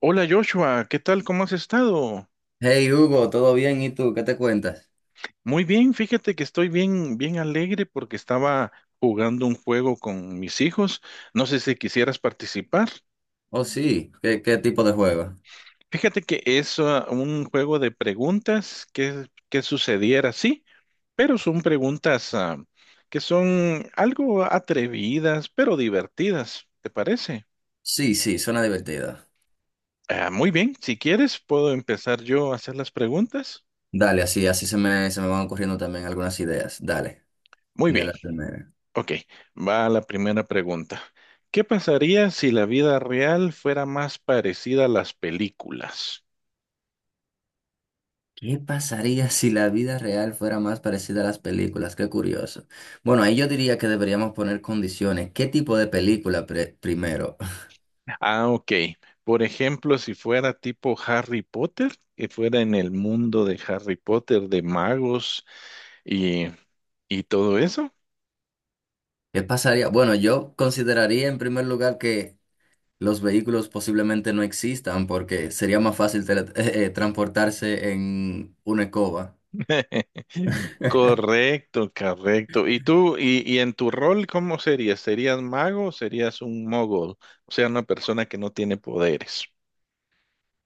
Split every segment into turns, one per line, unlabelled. Hola Joshua, ¿qué tal? ¿Cómo has estado?
Hey Hugo, ¿todo bien? ¿Y tú? ¿Qué te cuentas?
Muy bien, fíjate que estoy bien, bien alegre porque estaba jugando un juego con mis hijos. No sé si quisieras participar.
Oh, sí, ¿qué tipo de juego?
Fíjate que es un juego de preguntas que sucediera, sí, pero son preguntas que son algo atrevidas, pero divertidas, ¿te parece?
Sí, sí, suena divertido.
Muy bien, si quieres puedo empezar yo a hacer las preguntas.
Dale, así, así se me van ocurriendo también algunas ideas. Dale,
Muy
de
bien.
la primera.
Ok, va la primera pregunta. ¿Qué pasaría si la vida real fuera más parecida a las películas?
¿Qué pasaría si la vida real fuera más parecida a las películas? Qué curioso. Bueno, ahí yo diría que deberíamos poner condiciones. ¿Qué tipo de película primero?
Ah, ok. Por ejemplo, si fuera tipo Harry Potter, que fuera en el mundo de Harry Potter, de magos y, y todo eso.
¿Qué pasaría? Bueno, yo consideraría en primer lugar que los vehículos posiblemente no existan porque sería más fácil transportarse en una escoba.
Correcto, correcto. ¿Y tú, y en tu rol, cómo serías? ¿Serías mago o serías un mogul? O sea, una persona que no tiene poderes.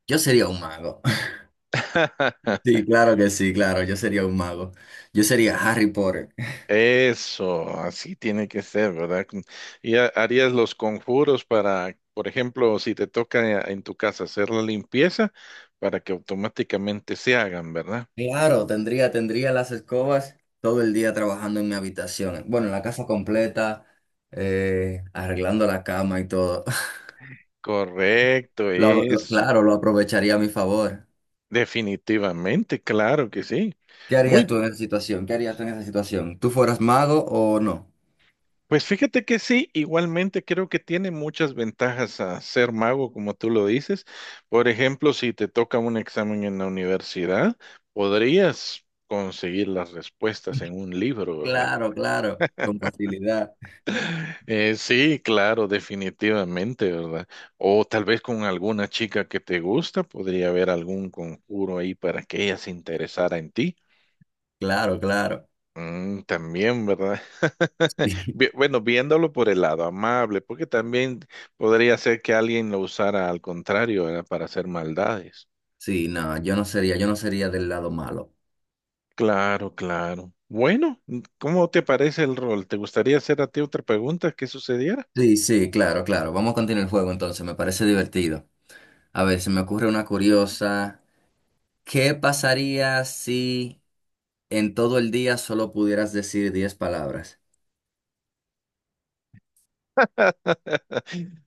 Yo sería un mago. Sí, claro que sí, claro, yo sería un mago. Yo sería Harry Potter.
Eso, así tiene que ser, ¿verdad? Y harías los conjuros para, por ejemplo, si te toca en tu casa hacer la limpieza, para que automáticamente se hagan, ¿verdad?
Claro, tendría las escobas todo el día trabajando en mi habitación. Bueno, en la casa completa, arreglando la cama y todo.
Correcto, eso.
Claro, lo aprovecharía a mi favor.
Definitivamente, claro que sí.
¿Qué harías
Muy
tú en esa situación? ¿Qué harías tú en esa situación? ¿Tú fueras mago o no?
Pues fíjate que sí, igualmente creo que tiene muchas ventajas a ser mago, como tú lo dices. Por ejemplo, si te toca un examen en la universidad, podrías conseguir las respuestas en un libro, ¿verdad?
Claro, claro, con facilidad.
Sí, claro, definitivamente, ¿verdad? O tal vez con alguna chica que te gusta, podría haber algún conjuro ahí para que ella se interesara en ti.
Claro, claro.
Mm, también, ¿verdad? Bueno, viéndolo por el lado amable, porque también podría ser que alguien lo usara al contrario, ¿verdad? Para hacer maldades.
Sí, no, yo no sería del lado malo.
Claro, claro. Bueno, ¿cómo te parece el rol? ¿Te gustaría hacer a ti otra pregunta que sucediera?
Sí, sí, claro, claro. Vamos a continuar el juego entonces, me parece divertido. A ver, se me ocurre una curiosa. ¿Qué pasaría si en todo el día solo pudieras decir 10 palabras?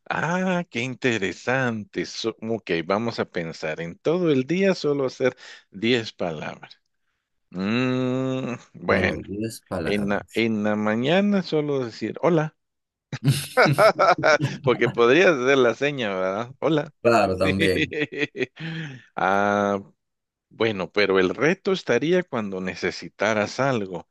Qué interesante. Ok, vamos a pensar en todo el día solo hacer 10 palabras. Mm, bueno,
Solo 10
en la,
palabras.
en la mañana solo decir hola. Porque podrías hacer la seña, ¿verdad? Hola.
Claro, también.
Ah, bueno, pero el reto estaría cuando necesitaras algo,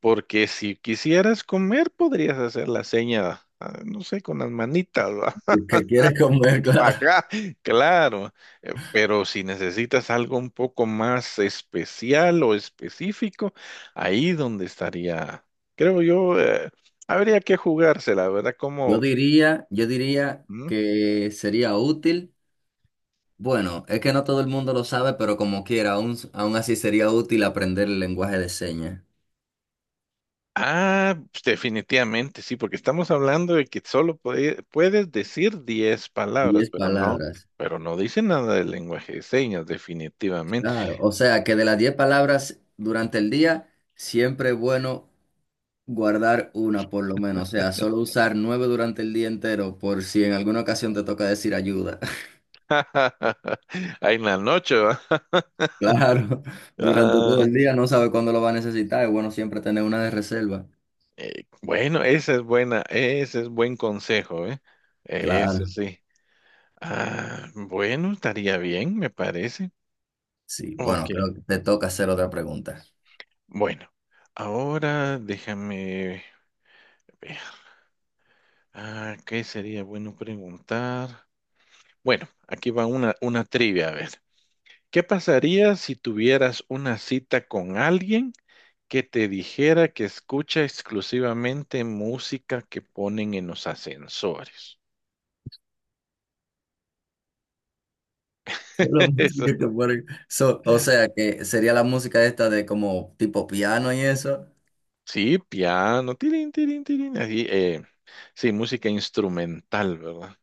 porque si quisieras comer, podrías hacer la seña, no sé, con las manitas, ¿va?
El que quiere comer, claro.
Acá, claro, pero si necesitas algo un poco más especial o específico, ahí donde estaría, creo yo, habría que jugársela, ¿verdad? Como,
Yo diría que sería útil. Bueno, es que no todo el mundo lo sabe, pero como quiera, aún así sería útil aprender el lenguaje de señas.
Pues, definitivamente, sí, porque estamos hablando de que puedes decir 10 palabras,
Diez palabras.
pero no dice nada del lenguaje de señas, definitivamente.
Claro, o sea que de las 10 palabras durante el día, siempre es bueno guardar una por lo menos. O sea, solo usar nueve durante el día entero por si en alguna ocasión te toca decir ayuda.
Ahí en la noche, ¿va?
Claro, durante todo
Ah,
el día no sabe cuándo lo va a necesitar. Es bueno siempre tener una de reserva.
bueno, esa es buena, ese es buen consejo, ¿eh? Eso
Claro,
sí. Ah, bueno, estaría bien, me parece.
sí. Bueno,
Ok,
creo que te toca hacer otra pregunta.
bueno, ahora déjame ver. Ah, ¿qué sería bueno preguntar? Bueno, aquí va una trivia, a ver. ¿Qué pasaría si tuvieras una cita con alguien que te dijera que escucha exclusivamente música que ponen en los ascensores?
Solo
Eso-
música que o sea que sería la música esta de como tipo piano y eso.
Sí, piano, tirín, tirín, tirín, así, sí, música instrumental, ¿verdad?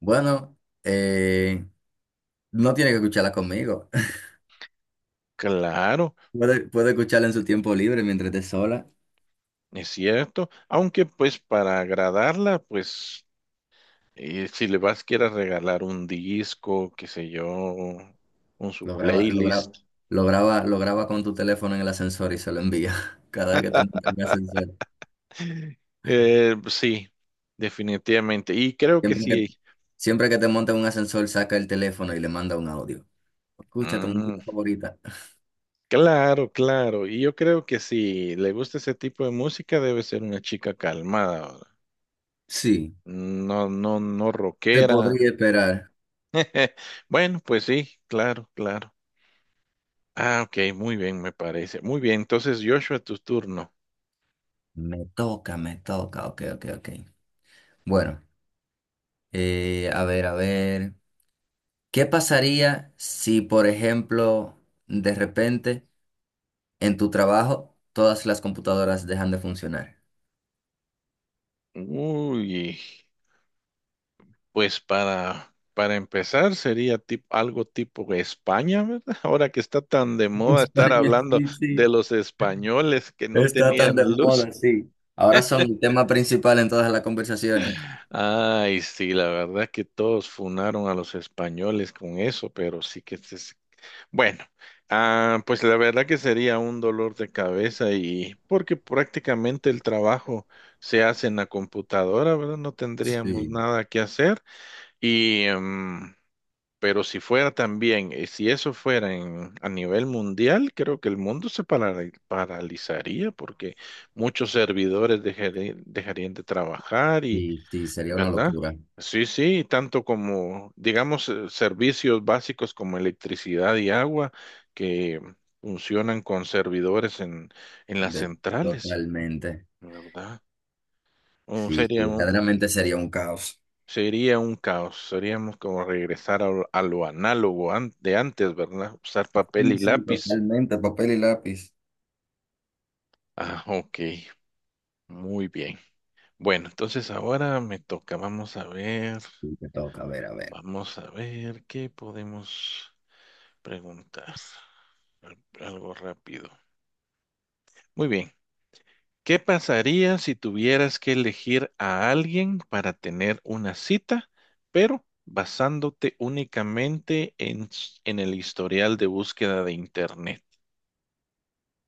Bueno, eh, no tiene que escucharla conmigo.
Claro,
Puede escucharla en su tiempo libre mientras esté sola.
es cierto, aunque pues para agradarla, pues si le vas quieras regalar un disco, qué sé yo, un su
Lo graba, lo
playlist.
graba, lo graba con tu teléfono en el ascensor y se lo envía. Cada vez que te monta en un ascensor.
Pues sí, definitivamente. Y creo que
Siempre que,
sí.
siempre que te monta en un ascensor, saca el teléfono y le manda un audio. Escucha tu
Mm,
música favorita.
claro, claro. Y yo creo que si le gusta ese tipo de música, debe ser una chica calmada. ¿Verdad?
Sí,
No, no, no
te
rockera.
podría esperar.
Bueno, pues sí, claro, claro. Ah, ok, muy bien, me parece. Muy bien, entonces Joshua, tu turno.
Me toca, me toca. Ok, ok, ok. Bueno, a ver, a ver. ¿Qué pasaría si, por ejemplo, de repente en tu trabajo todas las computadoras dejan de funcionar?
Uy. Pues para empezar sería algo tipo España, ¿verdad? Ahora que está tan de moda estar
España,
hablando
sí,
de
sí.
los españoles que no
Está tan
tenían
de
luz.
moda, sí. Ahora son el tema principal en todas las conversaciones.
Ay, sí, la verdad que todos funaron a los españoles con eso, pero sí que se- se- Bueno, pues la verdad que sería un dolor de cabeza y porque prácticamente el trabajo se hace en la computadora, ¿verdad? No tendríamos
Sí,
nada que hacer y... em, pero si fuera también, si eso fuera a nivel mundial, creo que el mundo paralizaría porque muchos servidores dejarían de trabajar y,
sí, sí, sería una
¿verdad?
locura.
Sí, sí, tanto como, digamos, servicios básicos como electricidad y agua que funcionan con servidores en las
De-
centrales,
totalmente.
¿verdad? Un-
Sí,
sería
sí,
un,
verdaderamente sería un caos.
Sería un caos, seríamos como regresar a lo análogo de antes, ¿verdad? Usar papel
Sí,
y
sí,
lápiz.
totalmente, papel y lápiz.
Ah, ok, muy bien. Bueno, entonces ahora me toca,
Sí, te toca, a ver, a ver.
vamos a ver qué podemos preguntar. Algo rápido. Muy bien, ¿qué pasaría si tuvieras que elegir a alguien para tener una cita, pero basándote únicamente en en el historial de búsqueda de Internet?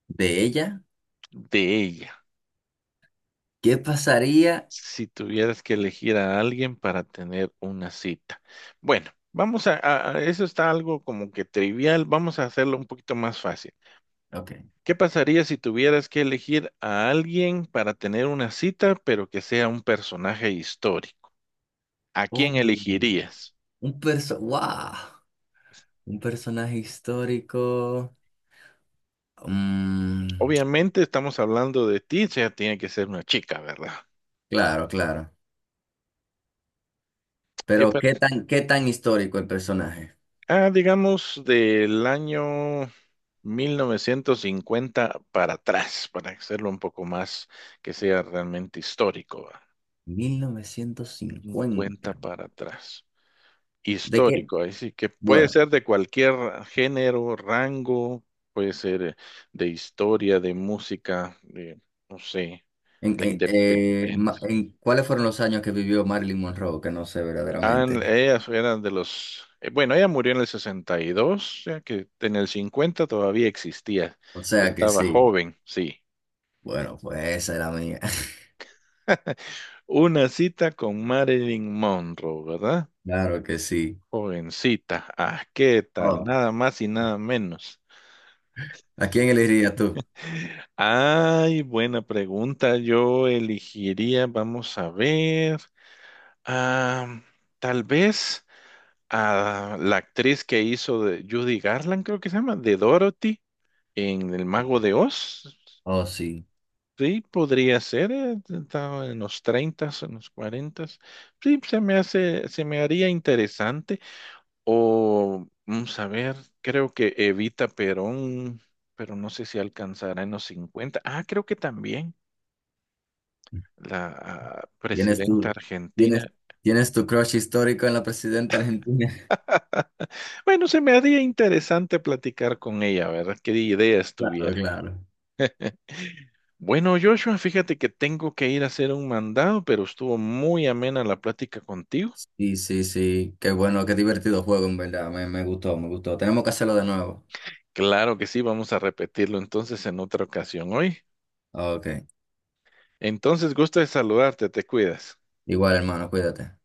De ella,
De ella,
¿qué pasaría?
si tuvieras que elegir a alguien para tener una cita. Bueno, vamos a, eso está algo como que trivial, vamos a hacerlo un poquito más fácil.
Ok.
¿Qué pasaría si tuvieras que elegir a alguien para tener una cita, pero que sea un personaje histórico? ¿A
Oh,
quién elegirías?
wow, un personaje histórico. Mm,
Obviamente estamos hablando de ti, o sea, tiene que ser una chica, ¿verdad?
claro, claro.
¿Qué
Pero
per-
¿qué tan histórico el personaje?
digamos del año 1950 para atrás, para hacerlo un poco más que sea realmente histórico, ¿va? 50
1950.
para atrás.
¿De qué?
Histórico, ahí sí, que puede
Bueno,
ser de cualquier género, rango, puede ser de historia, de música, de, no sé, la independencia.
¿cuáles fueron los años que vivió Marilyn Monroe? Que no sé
Ah,
verdaderamente.
ella era de los, bueno, ella murió en el 62, o sea que en el 50 todavía existía,
O sea que
estaba
sí.
joven, sí.
Bueno, pues esa era mía.
Una cita con Marilyn Monroe, ¿verdad?
Claro que sí.
Jovencita. Ah, ¿qué tal?
Oh,
Nada más y nada menos.
¿a quién elegirías tú?
Ay, buena pregunta. Yo elegiría, vamos a ver, ah, tal vez a la actriz que hizo de Judy Garland, creo que se llama, de Dorothy en El Mago de Oz.
Oh, sí.
Sí, podría ser, estaba en los 30, en los 40. Sí, se me hace, se me haría interesante. O, vamos a ver, creo que Evita Perón, pero no sé si alcanzará en los 50. Ah, creo que también la
¿Tienes
presidenta argentina.
tienes, tienes tu crush histórico en la presidenta argentina?
Bueno, se me haría interesante platicar con ella, ¿verdad? ¿Qué ideas
Claro,
tuviera?
claro.
Bueno, Joshua, fíjate que tengo que ir a hacer un mandado, pero estuvo muy amena la plática contigo.
Sí, sí, sí. Qué bueno, qué divertido juego, en verdad. Me gustó, me gustó. Tenemos que hacerlo de nuevo.
Claro que sí, vamos a repetirlo entonces en otra ocasión hoy.
Ok.
Entonces, gusto de saludarte, te cuidas.
Igual, hermano, cuídate.